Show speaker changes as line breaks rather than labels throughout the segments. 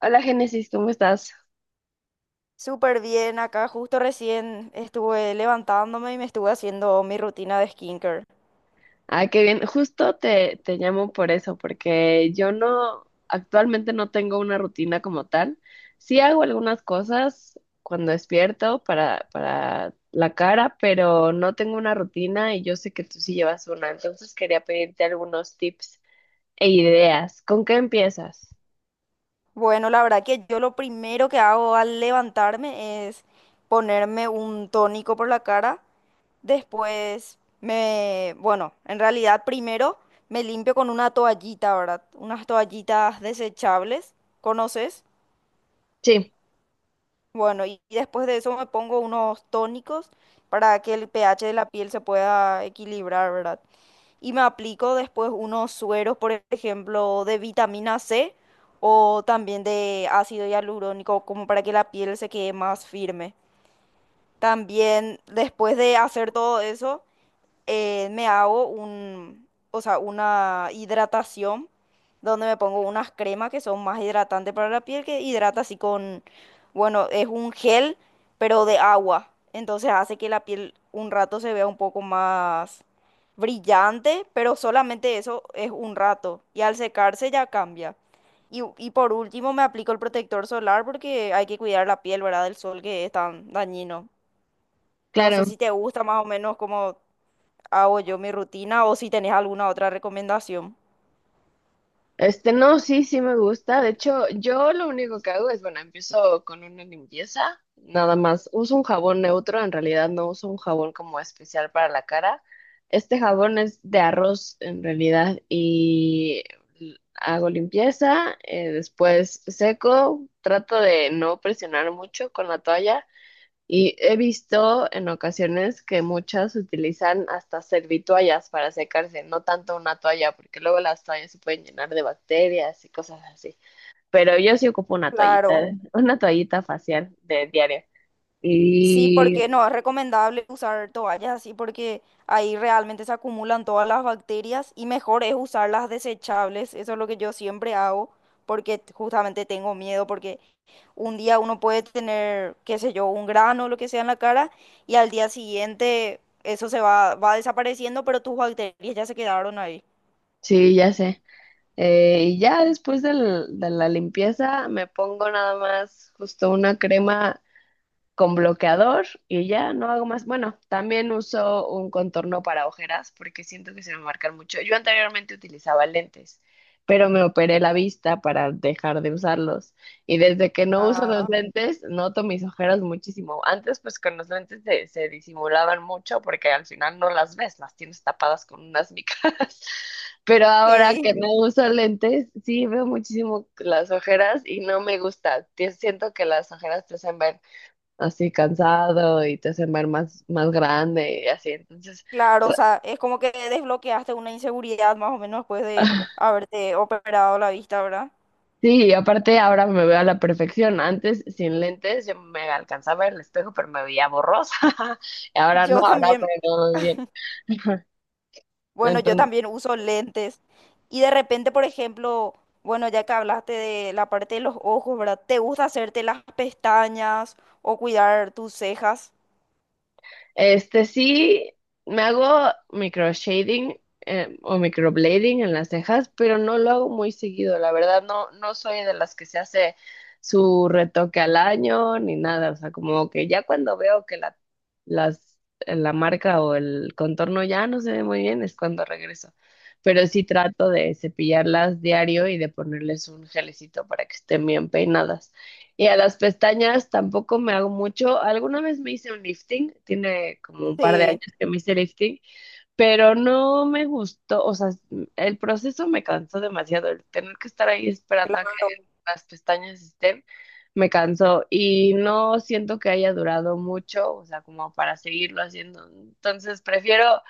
Hola Génesis, ¿cómo estás?
Súper bien, acá justo recién estuve levantándome y me estuve haciendo mi rutina de skincare.
Ah, qué bien. Justo te llamo por eso, porque yo no, actualmente no tengo una rutina como tal. Sí hago algunas cosas cuando despierto para la cara, pero no tengo una rutina y yo sé que tú sí llevas una, entonces quería pedirte algunos tips e ideas. ¿Con qué empiezas?
Bueno, la verdad que yo lo primero que hago al levantarme es ponerme un tónico por la cara. Después bueno, en realidad primero me limpio con una toallita, ¿verdad? Unas toallitas desechables, ¿conoces?
Sí,
Bueno, y después de eso me pongo unos tónicos para que el pH de la piel se pueda equilibrar, ¿verdad? Y me aplico después unos sueros, por ejemplo, de vitamina C o también de ácido hialurónico, como para que la piel se quede más firme. También después de hacer todo eso, me hago o sea, una hidratación donde me pongo unas cremas que son más hidratantes para la piel, que hidrata así con, bueno, es un gel, pero de agua. Entonces hace que la piel un rato se vea un poco más brillante, pero solamente eso es un rato. Y al secarse ya cambia. Y por último me aplico el protector solar porque hay que cuidar la piel, ¿verdad? Del sol que es tan dañino. No sé
claro.
si te gusta más o menos como hago yo mi rutina o si tenés alguna otra recomendación.
Este, no, sí, sí me gusta. De hecho, yo lo único que hago es, bueno, empiezo con una limpieza, nada más. Uso un jabón neutro, en realidad no uso un jabón como especial para la cara. Este jabón es de arroz, en realidad, y hago limpieza, después seco, trato de no presionar mucho con la toalla y he visto en ocasiones que muchas utilizan hasta servitoallas para secarse, no tanto una toalla, porque luego las toallas se pueden llenar de bacterias y cosas así. Pero yo sí ocupo una toallita,
Claro,
una toallita facial de diario.
sí, porque
Y
no es recomendable usar toallas así porque ahí realmente se acumulan todas las bacterias y mejor es usar las desechables. Eso es lo que yo siempre hago porque justamente tengo miedo porque un día uno puede tener, qué sé yo, un grano o lo que sea en la cara y al día siguiente eso se va, va desapareciendo, pero tus bacterias ya se quedaron ahí.
sí, ya sé. Y ya de la limpieza me pongo nada más justo una crema con bloqueador y ya no hago más. Bueno, también uso un contorno para ojeras porque siento que se me marcan mucho. Yo anteriormente utilizaba lentes, pero me operé la vista para dejar de usarlos. Y desde que no uso los
Ah,
lentes, noto mis ojeras muchísimo. Antes, pues con los lentes se disimulaban mucho porque al final no las ves, las tienes tapadas con unas micas. Pero ahora que
sí.
no uso lentes, sí veo muchísimo las ojeras y no me gusta. Siento que las ojeras te hacen ver así cansado y te hacen ver más, más grande y así. Entonces,
Claro, o
tra-
sea, es como que desbloqueaste una inseguridad más o menos después de haberte operado la vista, ¿verdad?
sí, y aparte ahora me veo a la perfección. Antes, sin lentes, yo me alcanzaba el espejo, pero me veía borrosa. Y ahora no,
Yo
ahora
también,
pero me veo bien.
bueno, yo
Entonces,
también uso lentes y de repente, por ejemplo, bueno, ya que hablaste de la parte de los ojos, ¿verdad? ¿Te gusta hacerte las pestañas o cuidar tus cejas?
este sí, me hago micro shading o microblading en las cejas, pero no lo hago muy seguido, la verdad no, no soy de las que se hace su retoque al año ni nada, o sea, como que ya cuando veo que las, la marca o el contorno ya no se ve muy bien es cuando regreso, pero sí trato de cepillarlas diario y de ponerles un gelecito para que estén bien peinadas. Y a las pestañas tampoco me hago mucho. Alguna vez me hice un lifting, tiene como un par de años
Sí,
que me hice lifting, pero no me gustó, o sea, el proceso me cansó demasiado, el tener que estar ahí esperando a que
claro,
las pestañas estén, me cansó y no siento que haya durado mucho, o sea, como para seguirlo haciendo. Entonces prefiero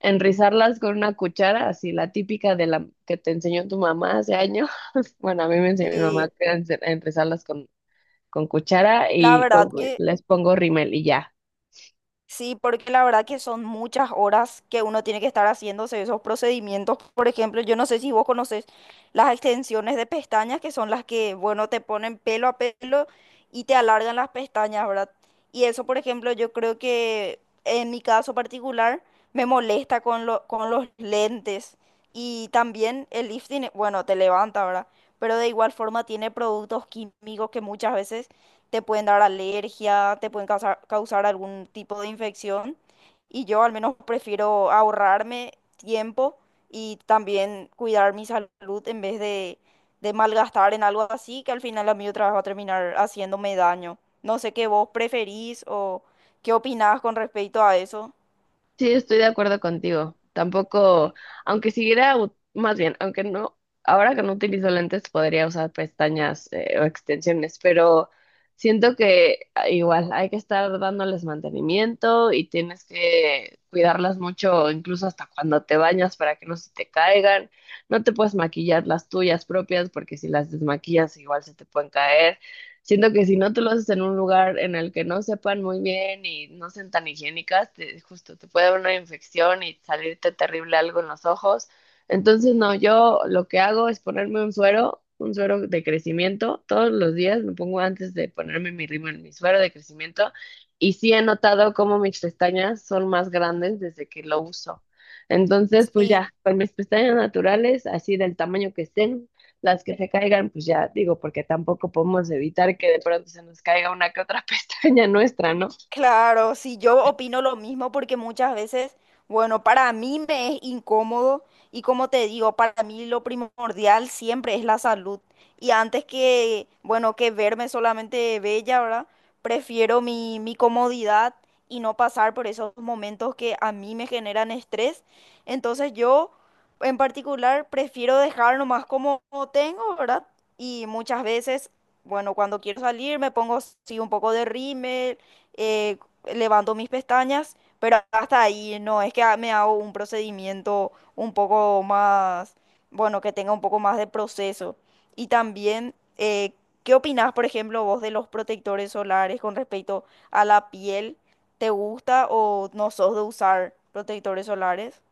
enrizarlas con una cuchara, así la típica de la que te enseñó tu mamá hace años. Bueno, a mí me enseñó mi mamá
sí.
que era enrizarlas con cuchara
La
y
verdad
con
que
les pongo rímel y ya.
sí, porque la verdad que son muchas horas que uno tiene que estar haciéndose esos procedimientos. Por ejemplo, yo no sé si vos conoces las extensiones de pestañas, que son las que, bueno, te ponen pelo a pelo y te alargan las pestañas, ¿verdad? Y eso, por ejemplo, yo creo que en mi caso particular me molesta con los lentes. Y también el lifting, bueno, te levanta, ¿verdad? Pero de igual forma tiene productos químicos que muchas veces te pueden dar alergia, te pueden causar algún tipo de infección. Y yo al menos prefiero ahorrarme tiempo y también cuidar mi salud en vez de malgastar en algo así que al final a mí otra vez va a terminar haciéndome daño. No sé qué vos preferís o qué opinás con respecto a eso.
Sí, estoy de acuerdo contigo. Tampoco, aunque siguiera, más bien, aunque no, ahora que no utilizo lentes podría usar pestañas o extensiones, pero siento que ah, igual hay que estar dándoles mantenimiento y tienes que cuidarlas mucho, incluso hasta cuando te bañas para que no se te caigan. No te puedes maquillar las tuyas propias porque si las desmaquillas igual se te pueden caer. Siento que si no tú lo haces en un lugar en el que no sepan muy bien y no sean tan higiénicas, justo te puede dar una infección y salirte terrible algo en los ojos. Entonces, no, yo lo que hago es ponerme un suero de crecimiento. Todos los días me pongo antes de ponerme mi rímel, mi suero de crecimiento. Y sí he notado cómo mis pestañas son más grandes desde que lo uso. Entonces, pues
Sí.
ya, con mis pestañas naturales, así del tamaño que estén, las que se caigan, pues ya digo, porque tampoco podemos evitar que de pronto se nos caiga una que otra pestaña nuestra, ¿no?
Claro, sí, yo opino lo mismo porque muchas veces, bueno, para mí me es incómodo y como te digo, para mí lo primordial siempre es la salud. Y antes que, bueno, que verme solamente bella, ¿verdad? Prefiero mi comodidad y no pasar por esos momentos que a mí me generan estrés. Entonces yo, en particular, prefiero dejar nomás como tengo, ¿verdad? Y muchas veces, bueno, cuando quiero salir me pongo sí un poco de rímel, eh, levanto mis pestañas, pero hasta ahí no, es que me hago un procedimiento un poco más, bueno, que tenga un poco más de proceso. Y también, ¿qué opinás, por ejemplo, vos de los protectores solares con respecto a la piel? ¿Te gusta o no sos de usar protectores solares?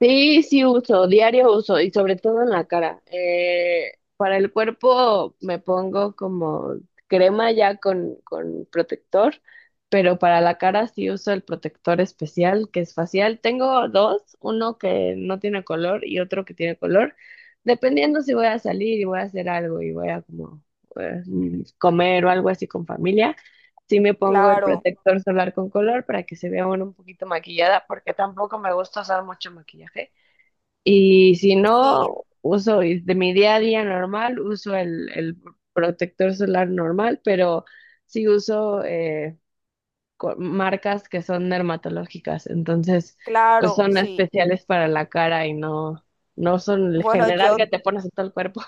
Sí, sí uso, diario uso y sobre todo en la cara. Para el cuerpo me pongo como crema ya con protector, pero para la cara sí uso el protector especial que es facial. Tengo dos, uno que no tiene color y otro que tiene color, dependiendo si voy a salir y voy a hacer algo y voy a como comer o algo así con familia. Sí me pongo el
Claro,
protector solar con color para que se vea uno un poquito maquillada, porque tampoco me gusta usar mucho maquillaje. Y si
sí,
no, uso y de mi día a día normal, uso el protector solar normal, pero sí uso marcas que son dermatológicas, entonces pues
claro,
son
sí.
especiales para la cara y no, no son el
Bueno,
general
yo
que te pones en todo el cuerpo.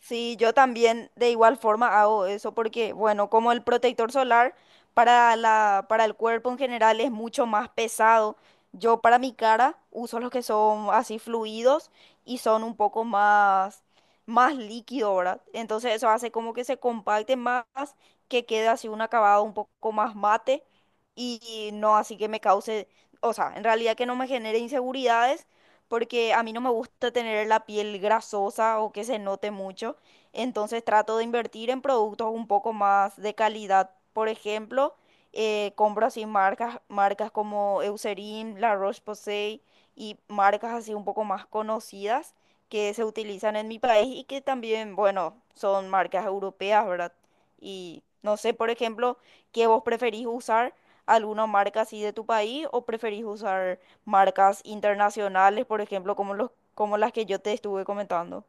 sí, yo también de igual forma hago eso porque, bueno, como el protector solar para para el cuerpo en general es mucho más pesado, yo para mi cara uso los que son así fluidos y son un poco más, más líquido, ¿verdad? Entonces eso hace como que se compacte más, que quede así un acabado un poco más mate y no así que me cause, o sea, en realidad que no me genere inseguridades porque a mí no me gusta tener la piel grasosa o que se note mucho, entonces trato de invertir en productos un poco más de calidad. Por ejemplo, compro así marcas como Eucerin, La Roche-Posay y marcas así un poco más conocidas que se utilizan en mi país y que también, bueno, son marcas europeas, ¿verdad? Y no sé, por ejemplo, ¿qué vos preferís usar? ¿Alguna marca así de tu país o preferís usar marcas internacionales, por ejemplo, como como las que yo te estuve comentando.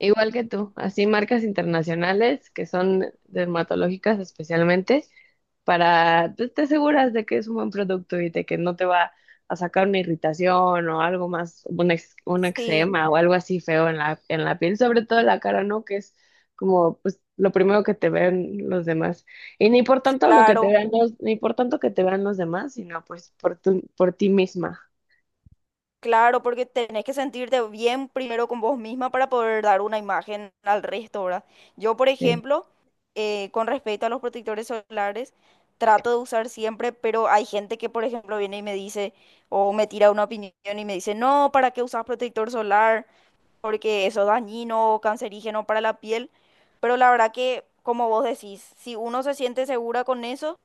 Igual que tú, así marcas internacionales que son dermatológicas especialmente, para, pues, te aseguras de que es un buen producto y de que no te va a sacar una irritación o algo más, un
Sí,
eczema o algo así feo en la piel, sobre todo en la cara, ¿no? Que es como, pues, lo primero que te ven los demás. Y ni por tanto lo que te
claro,
vean los, ni por tanto que te vean los demás, sino pues por por ti misma.
claro, porque tenés que sentirte bien primero con vos misma para poder dar una imagen al resto, ¿verdad? Yo, por
eh,
ejemplo, con respecto a los protectores solares, trato de usar siempre, pero hay gente que, por ejemplo, viene y me dice, o me tira una opinión y me dice, no, ¿para qué usas protector solar? Porque eso es dañino, cancerígeno para la piel. Pero la verdad que, como vos decís, si uno se siente segura con eso,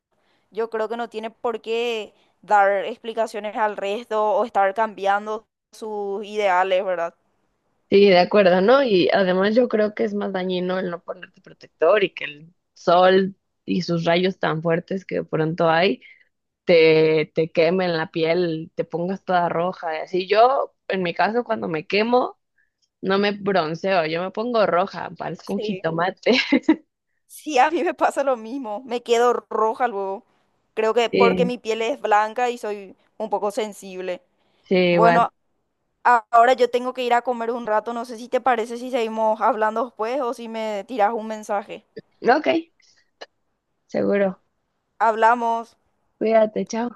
yo creo que no tiene por qué dar explicaciones al resto o estar cambiando sus ideales, ¿verdad?
Sí, de acuerdo, ¿no? Y además yo creo que es más dañino el no ponerte protector y que el sol y sus rayos tan fuertes que de pronto hay te quemen la piel, te pongas toda roja. Y así yo, en mi caso, cuando me quemo, no me bronceo, yo me pongo roja, parezco un
Sí.
jitomate.
Sí, a mí me pasa lo mismo, me quedo roja luego. Creo que porque
Sí,
mi piel es blanca y soy un poco sensible.
sí, igual.
Bueno, ahora yo tengo que ir a comer un rato, no sé si te parece si seguimos hablando después o si me tiras un mensaje.
Ok, seguro.
Hablamos.
Cuídate, chao.